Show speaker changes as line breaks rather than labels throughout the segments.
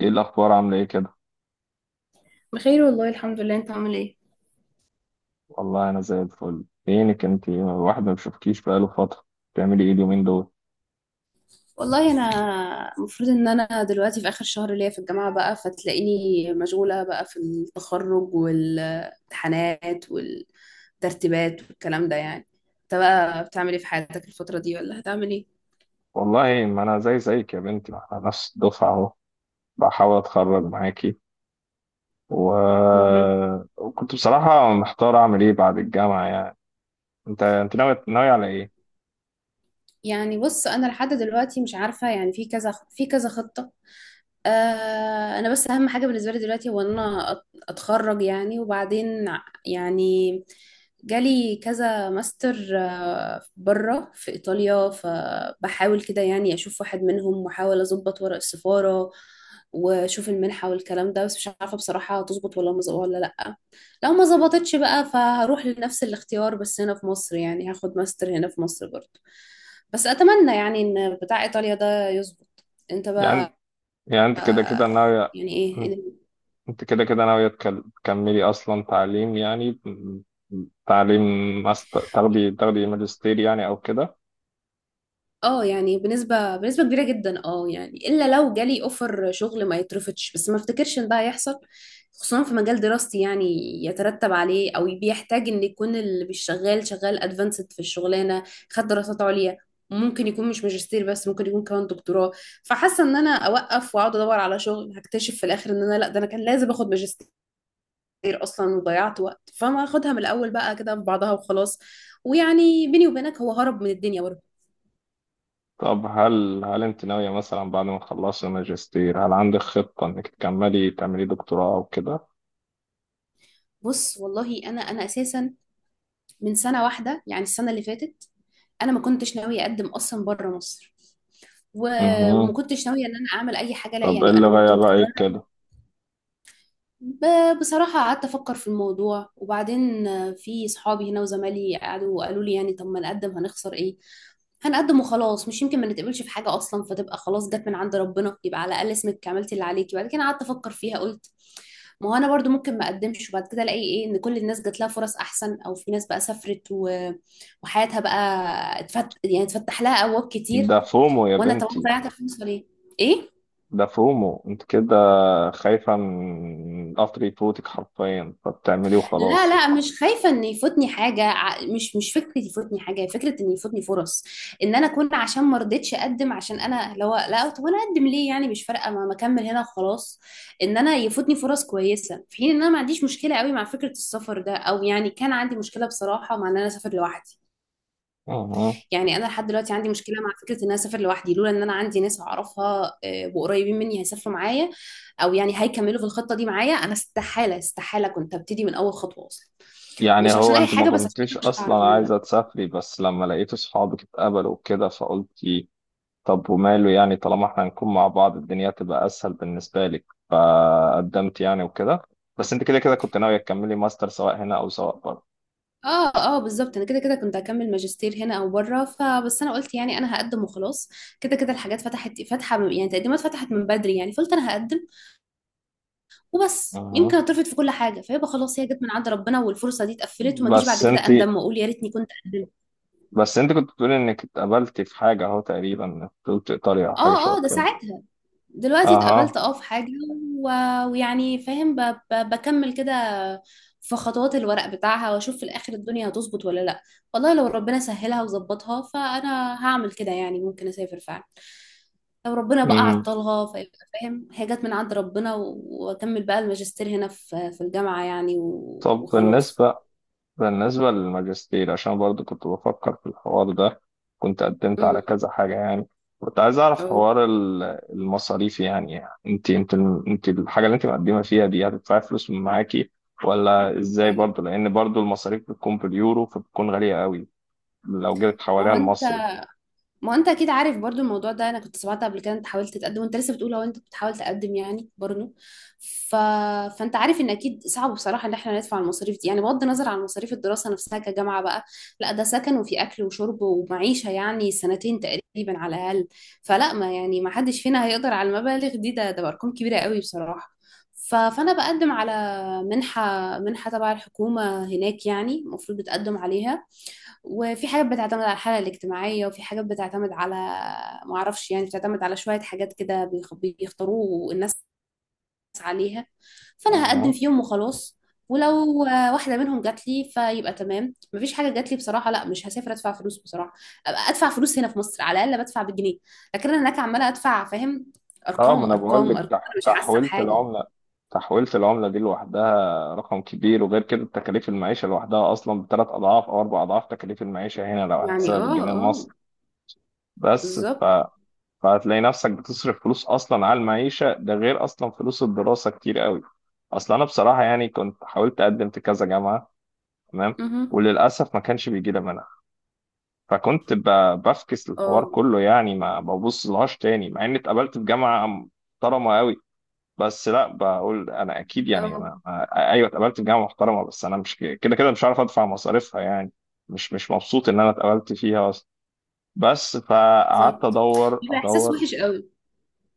ايه الاخبار، عامله ايه كده؟
بخير والله الحمد لله، انت عامل ايه؟
والله انا زي الفل. فينك انت، الواحد ما بيشوفكيش بقاله فتره. بتعملي ايه اليومين دول؟
والله انا المفروض ان انا دلوقتي في اخر شهر ليا في الجامعه بقى، فتلاقيني مشغوله بقى في التخرج والامتحانات والترتيبات والكلام ده يعني. انت بقى بتعمل ايه في حياتك الفتره دي، ولا هتعمل ايه؟
والله ما انا زي زيك يا بنتي، ما احنا نفس الدفعه اهو. بحاول اتخرج معاكي و...
مهم.
وكنت بصراحه محتار اعمل ايه بعد الجامعه يعني. انت ناوي على ايه؟
يعني بص، انا لحد دلوقتي مش عارفه، يعني في كذا، في كذا خطه. آه، انا بس اهم حاجه بالنسبه لي دلوقتي هو ان انا اتخرج يعني، وبعدين يعني جالي كذا ماستر، آه، بره في ايطاليا، فبحاول كده يعني اشوف واحد منهم واحاول اظبط ورق السفاره واشوف المنحه والكلام ده، بس مش عارفه بصراحه هتظبط ولا لا. لو ما ظبطتش بقى فهروح لنفس الاختيار بس هنا في مصر، يعني هاخد ماستر هنا في مصر برضه، بس اتمنى يعني ان بتاع ايطاليا ده يظبط. انت بقى؟
يعني يعني انت كده كده ناوي.
يعني ايه إذا؟
انت كده كده ناويه تكملي اصلا تعليم يعني. تعليم، ماستر، تاخدي ماجستير يعني او كده.
اه يعني بنسبة كبيرة جدا، اه يعني الا لو جالي اوفر شغل ما يترفضش، بس ما افتكرش ان ده هيحصل، خصوصا في مجال دراستي يعني، يترتب عليه او بيحتاج ان يكون اللي بيشتغل شغال ادفانسد في الشغلانة، خد دراسات عليا، ممكن يكون مش ماجستير بس ممكن يكون كمان دكتوراه. فحاسة ان انا اوقف واقعد ادور على شغل، هكتشف في الاخر ان انا، لا، ده انا كان لازم اخد ماجستير اصلا وضيعت وقت، فما اخدها من الاول بقى كده في بعضها وخلاص. ويعني بيني وبينك هو هرب من الدنيا.
طب هل انت ناوية مثلا بعد ما تخلصي ماجستير هل عندك خطة انك تكملي تعملي دكتوراه او كده؟
بص والله انا اساسا من سنه واحده يعني السنه اللي فاتت، انا ما كنتش ناويه اقدم اصلا بره مصر، وما
مهم.
كنتش ناويه ان انا اعمل اي حاجه، لا
طب ايه
يعني
اللي
انا كنت
غير رأيك
مقرره.
كده؟
بصراحه قعدت افكر في الموضوع، وبعدين آه، في صحابي هنا وزمالي قعدوا قالوا لي يعني طب ما نقدم، هنخسر ايه؟ هنقدم وخلاص، مش يمكن ما نتقبلش في حاجه اصلا، فتبقى خلاص جت من عند ربنا، يبقى على الاقل اسمك عملتي اللي عليكي. بعد كده قعدت افكر فيها قلت ما هو انا برضو ممكن ما اقدمش وبعد كده الاقي ايه، ان كل الناس جات لها فرص احسن، او في ناس بقى سافرت وحياتها بقى يعني اتفتح لها ابواب كتير،
ده فومو يا
وانا طبعا
بنتي،
ضيعت الفرصه ليه؟ ايه.
ده فومو انت كده، خايفة من قطر يفوتك حرفيا فبتعمليه
لا
وخلاص.
لا، مش خايفه ان يفوتني حاجه، مش مش فكره يفوتني حاجه، هي فكره ان يفوتني فرص، ان انا اكون عشان ما رضيتش اقدم، عشان انا لو لا طب انا اقدم ليه يعني؟ مش فارقه، ما اكمل هنا وخلاص. ان انا يفوتني فرص كويسه، في حين ان انا ما عنديش مشكله قوي مع فكره السفر ده، او يعني كان عندي مشكله بصراحه مع ان انا اسافر لوحدي.
مهم.
يعني انا لحد دلوقتي عندي مشكله مع فكره ان انا اسافر لوحدي، لولا ان انا عندي ناس اعرفها آه، وقريبين مني هيسافروا معايا او يعني هيكملوا في الخطه دي معايا، انا استحاله استحاله كنت ابتدي من اول خطوه اصلا.
يعني
مش عشان
هو
اي
انت ما
حاجه، بس عشان
كنتيش
أنا مش هعرف
اصلا
اعمل ده.
عايزة تسافري، بس لما لقيت صحابك اتقبلوا وكده فقلت طب وماله يعني، طالما احنا هنكون مع بعض الدنيا تبقى اسهل بالنسبه لك، فقدمت يعني وكده. بس انت كده كده كنت ناويه تكملي ماستر سواء هنا او سواء بره.
اه اه بالظبط، انا كده كده كنت هكمل ماجستير هنا او بره، فبس انا قلت يعني انا هقدم وخلاص، كده كده الحاجات فتحت فاتحه، يعني التقديمات فتحت من بدري، يعني فقلت انا هقدم وبس، يمكن
أها.
اترفض في كل حاجه فيبقى خلاص هي جت من عند ربنا والفرصه دي اتقفلت، وما اجيش بعد
بس انت
كده اندم واقول يا ريتني كنت قدمت.
بس انت كنت بتقولي انك اتقبلتي في حاجه اهو، تقريبا قلت ايطاليا او حاجه
اه
شبه
اه، ده
كده.
ساعتها. دلوقتي اتقابلت
اها.
اه في حاجة و... ويعني فاهم بكمل كده في خطوات الورق بتاعها واشوف في الاخر الدنيا هتظبط ولا لا. والله لو ربنا سهلها وظبطها فانا هعمل كده، يعني ممكن اسافر فعلا. لو ربنا بقى
أمم.
عطلها فيبقى فاهم هي جت من عند ربنا، واكمل بقى الماجستير هنا في الجامعة يعني
طب
وخلاص.
بالنسبه بالنسبة للماجستير، عشان برضو كنت بفكر في الحوار ده، كنت قدمت على
امم
كذا حاجة يعني. كنت عايز أعرف
اه
حوار المصاريف يعني. أنت الحاجة اللي أنت مقدمة فيها دي هتدفعي فلوس من معاكي ولا إزاي؟
فعلا.
برضو لأن برضو المصاريف بتكون باليورو فبتكون غالية قوي لو جيت
ما
حواليها
هو انت
المصري.
ما انت اكيد عارف برضو الموضوع ده، انا كنت سمعت قبل كده انت حاولت تقدم وانت لسه بتقول هو انت بتحاول تقدم يعني برضو. ف... فانت عارف ان اكيد صعب بصراحه ان احنا ندفع المصاريف دي، يعني بغض النظر عن مصاريف الدراسه نفسها كجامعه بقى، لا ده سكن وفي اكل وشرب ومعيشه يعني سنتين تقريبا على الاقل. فلا ما يعني ما حدش فينا هيقدر على المبالغ دي، ده ارقام كبيره قوي بصراحه. فانا بقدم على منحه تبع الحكومه هناك، يعني المفروض بتقدم عليها، وفي حاجات بتعتمد على الحالة الاجتماعية، وفي حاجات بتعتمد على، معرفش يعني، بتعتمد على شوية حاجات كده بيختاروه الناس عليها، فأنا هقدم فيهم وخلاص. ولو واحدة منهم جات لي فيبقى تمام، مفيش حاجة جات لي بصراحة لا مش هسافر أدفع فلوس بصراحة، أبقى أدفع فلوس هنا في مصر على الأقل بدفع بالجنيه، لكن أنا هناك عمالة أدفع فاهم؟
اه، ما
أرقام
انا
أرقام
بقول
أرقام،
لك،
أنا مش حاسة
تحويلة
بحاجة.
العملة، تحويلة العملة دي لوحدها رقم كبير. وغير كده تكاليف المعيشة لوحدها اصلا بثلاث اضعاف او اربع اضعاف تكاليف المعيشة هنا لو
يعني
هنحسبها
اه
بالجنيه
اه
المصري. بس ف...
بالظبط.
فهتلاقي نفسك بتصرف فلوس اصلا على المعيشة، ده غير اصلا فلوس الدراسة كتير قوي. اصلا انا بصراحة يعني كنت حاولت اقدم في كذا جامعة، تمام،
مهم.
وللاسف ما كانش بيجي لي منها. فكنت بفكس الحوار
اه
كله يعني، ما ببص لهاش تاني مع اني اتقابلت في جامعة محترمة قوي. بس لا، بقول انا اكيد يعني
اه
ايوه اتقبلت في جامعه محترمه، بس انا مش كده كده مش عارف ادفع مصاريفها يعني، مش مبسوط ان انا اتقبلت فيها اصلا، بس فقعدت
بالظبط،
ادور
بيبقى إحساس
ادور.
وحش قوي.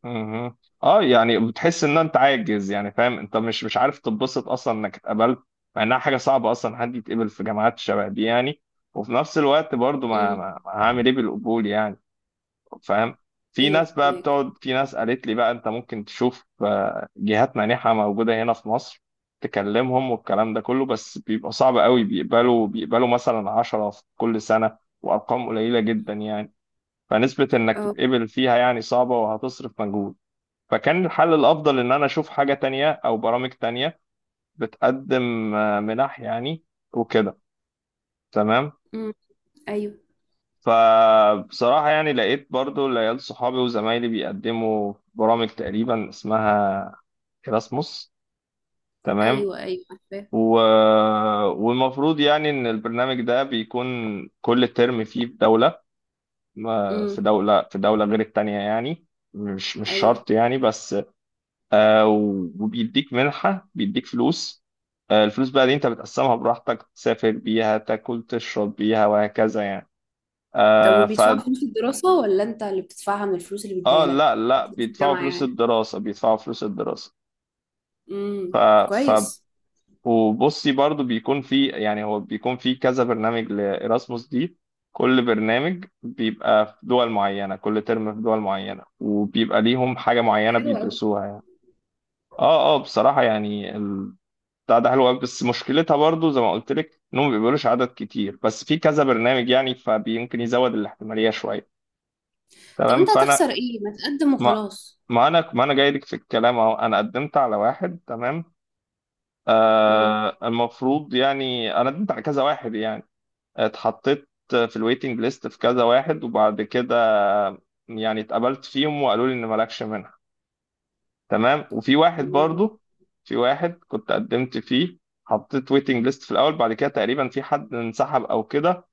مهم. اه، يعني بتحس ان انت عاجز يعني، فاهم، انت مش عارف تتبسط اصلا انك اتقبلت مع انها حاجه صعبه اصلا حد يتقبل في جامعات شبه دي يعني. وفي نفس الوقت برضو ما,
مم.
ما... ما هعمل ايه بالقبول يعني، فاهم. في
ايوه
ناس بقى
فهمك.
بتقعد، في ناس قالت لي بقى انت ممكن تشوف جهات مانحة موجودة هنا في مصر، تكلمهم والكلام ده كله. بس بيبقى صعب قوي، بيقبلوا مثلا عشرة في كل سنة وأرقام قليلة جدا يعني، فنسبة إنك
اه.
تتقبل فيها يعني صعبة وهتصرف مجهود. فكان الحل الأفضل إن أنا أشوف حاجة تانية أو برامج تانية بتقدم منح يعني وكده. تمام،
امم. ايوه،
فبصراحة يعني لقيت برضو العيال صحابي وزمايلي بيقدموا برامج تقريبا اسمها إراسموس، تمام،
ايوه عارفاه.
و... والمفروض يعني إن البرنامج ده بيكون كل ترم فيه في دولة،
امم.
في دولة غير التانية يعني. مش
ايوه.
شرط يعني، بس وبيديك منحة، بيديك فلوس. الفلوس بقى دي انت بتقسمها براحتك، تسافر بيها، تاكل تشرب بيها، وهكذا
طب
يعني.
وبيدفعوا فلوس الدراسة ولا انت اللي بتدفعها من الفلوس اللي
اه،
بيديها
لا
لك؟
لا،
في
بيدفعوا
الجامعة
فلوس
يعني.
الدراسة، بيدفعوا فلوس الدراسة. ف.
امم.
ف.
كويس.
وبصي برضو بيكون في، يعني هو بيكون في كذا برنامج لإراسموس دي. كل برنامج بيبقى في دول معينة، كل ترم في دول معينة، وبيبقى ليهم حاجة معينة
حلو قوي.
بيدرسوها يعني. اه اه، بصراحة يعني بتاع ده حلو أوي، بس مشكلتها برضو زي ما قلت لك انهم ما بيقبلوش عدد كتير، بس في كذا برنامج يعني فبيمكن يزود الاحتمالية شوية.
طب
تمام،
انت
فانا،
هتخسر ايه، ما تقدم
ما،
وخلاص؟
ما انا جاي لك في الكلام اهو. انا قدمت على واحد، تمام،
امم.
المفروض يعني انا قدمت على كذا واحد يعني. اتحطيت في الويتنج ليست في كذا واحد، وبعد كده يعني اتقبلت فيهم وقالوا لي ان مالكش منها، تمام. وفي واحد برضو، في واحد كنت قدمت فيه، حطيت ويتنج ليست في الاول، بعد كده تقريبا في حد انسحب او كده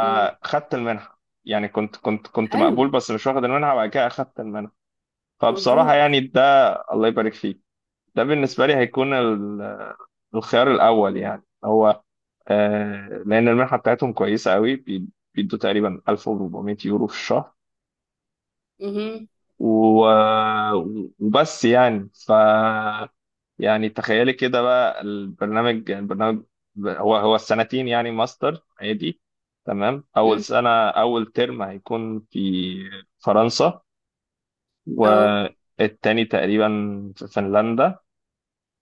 امم.
المنحه. يعني كنت
حلو.
مقبول بس مش واخد المنحه، بعد كده اخدت المنحه. فبصراحة
مبروك.
يعني ده، الله يبارك فيك، ده بالنسبة لي هيكون الخيار الأول يعني. هو لأن المنحة بتاعتهم كويسة قوي، بيدوا تقريبا 1400 يورو في الشهر،
امم.
و- وبس يعني ف. يعني تخيلي كده بقى، البرنامج، هو السنتين، يعني ماستر عادي، تمام. أول
امم.
سنة، أول ترم، هيكون في فرنسا.
اه.
والتاني تقريبا في فنلندا.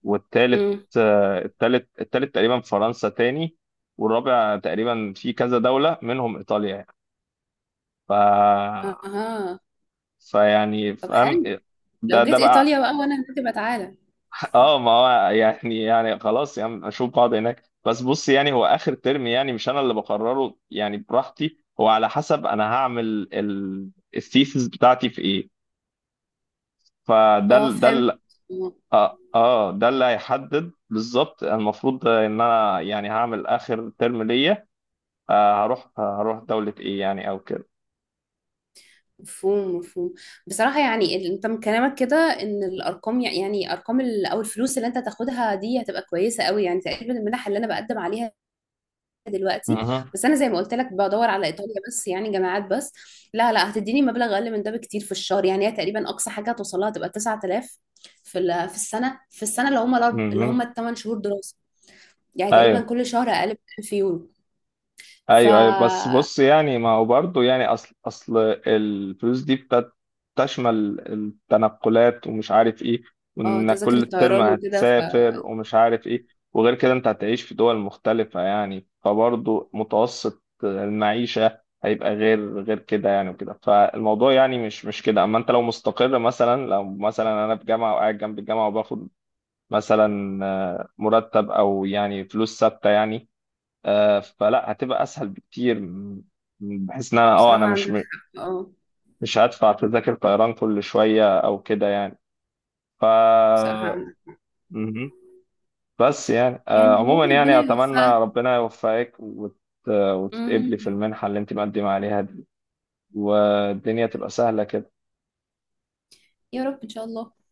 والتالت
امم.
التالت تقريبا فرنسا تاني. والرابع تقريبا في كذا دولة منهم إيطاليا يعني. ف،
اها.
فيعني
طب
فاهم.
حلو، لو
ده
جيت
بقى.
ايطاليا بقى وانا هناك تبقى تعالى.
اه، ما هو يعني خلاص يعني اشوف بعض هناك. بس بص يعني هو اخر ترم يعني مش انا اللي بقرره يعني براحتي، هو على حسب انا هعمل الثيسز بتاعتي في ايه. فده
اه
ال- ده
فهمت.
ال-
آه.
اه آه، ده اللي هيحدد بالظبط. المفروض ان انا يعني هعمل اخر ترم ليا هروح دولة ايه يعني او كده.
مفهوم مفهوم. بصراحة يعني انت من كلامك كده ان الارقام يعني ارقام او الفلوس اللي انت هتاخدها دي هتبقى كويسة قوي، يعني تقريبا المنح اللي انا بقدم عليها دلوقتي،
مهم.
بس انا زي ما قلت لك بدور على ايطاليا بس يعني جامعات بس، لا لا هتديني مبلغ اقل من ده بكتير في الشهر، يعني هي تقريبا اقصى حاجة هتوصل لها تبقى 9000 في في السنة، في السنة اللي هم اللي هم
مهم.
الثمان شهور دراسة. يعني
ايوه
تقريبا كل شهر اقل من 1000 يورو. ف
ايوه ايوه، بس بص يعني، ما هو برضه يعني، اصل الفلوس دي بتشمل التنقلات ومش عارف ايه،
اه،
وانك
تذاكر
كل ترم
الطيران وكده.
هتسافر ومش عارف ايه. وغير كده انت هتعيش في دول مختلفة يعني، فبرضه متوسط المعيشة هيبقى غير كده يعني وكده، فالموضوع يعني مش كده. اما انت لو مستقر، مثلا لو مثلا انا في جامعة وقاعد جنب الجامعة وباخد مثلا مرتب او يعني فلوس ثابته يعني، فلا هتبقى اسهل بكتير بحيث ان انا اه
فبصراحة
انا مش
عندك
م-
حق، اه
مش هدفع تذاكر طيران كل شويه او كده يعني. ف.
بصراحة.
مهم. بس يعني
يعني
عموما
والله ربنا
يعني اتمنى
يوفقك.
ربنا يوفقك وتتقبلي في
مهم.
المنحه اللي انت مقدمه عليها دي، والدنيا تبقى سهله كده.
يا رب ان شاء الله.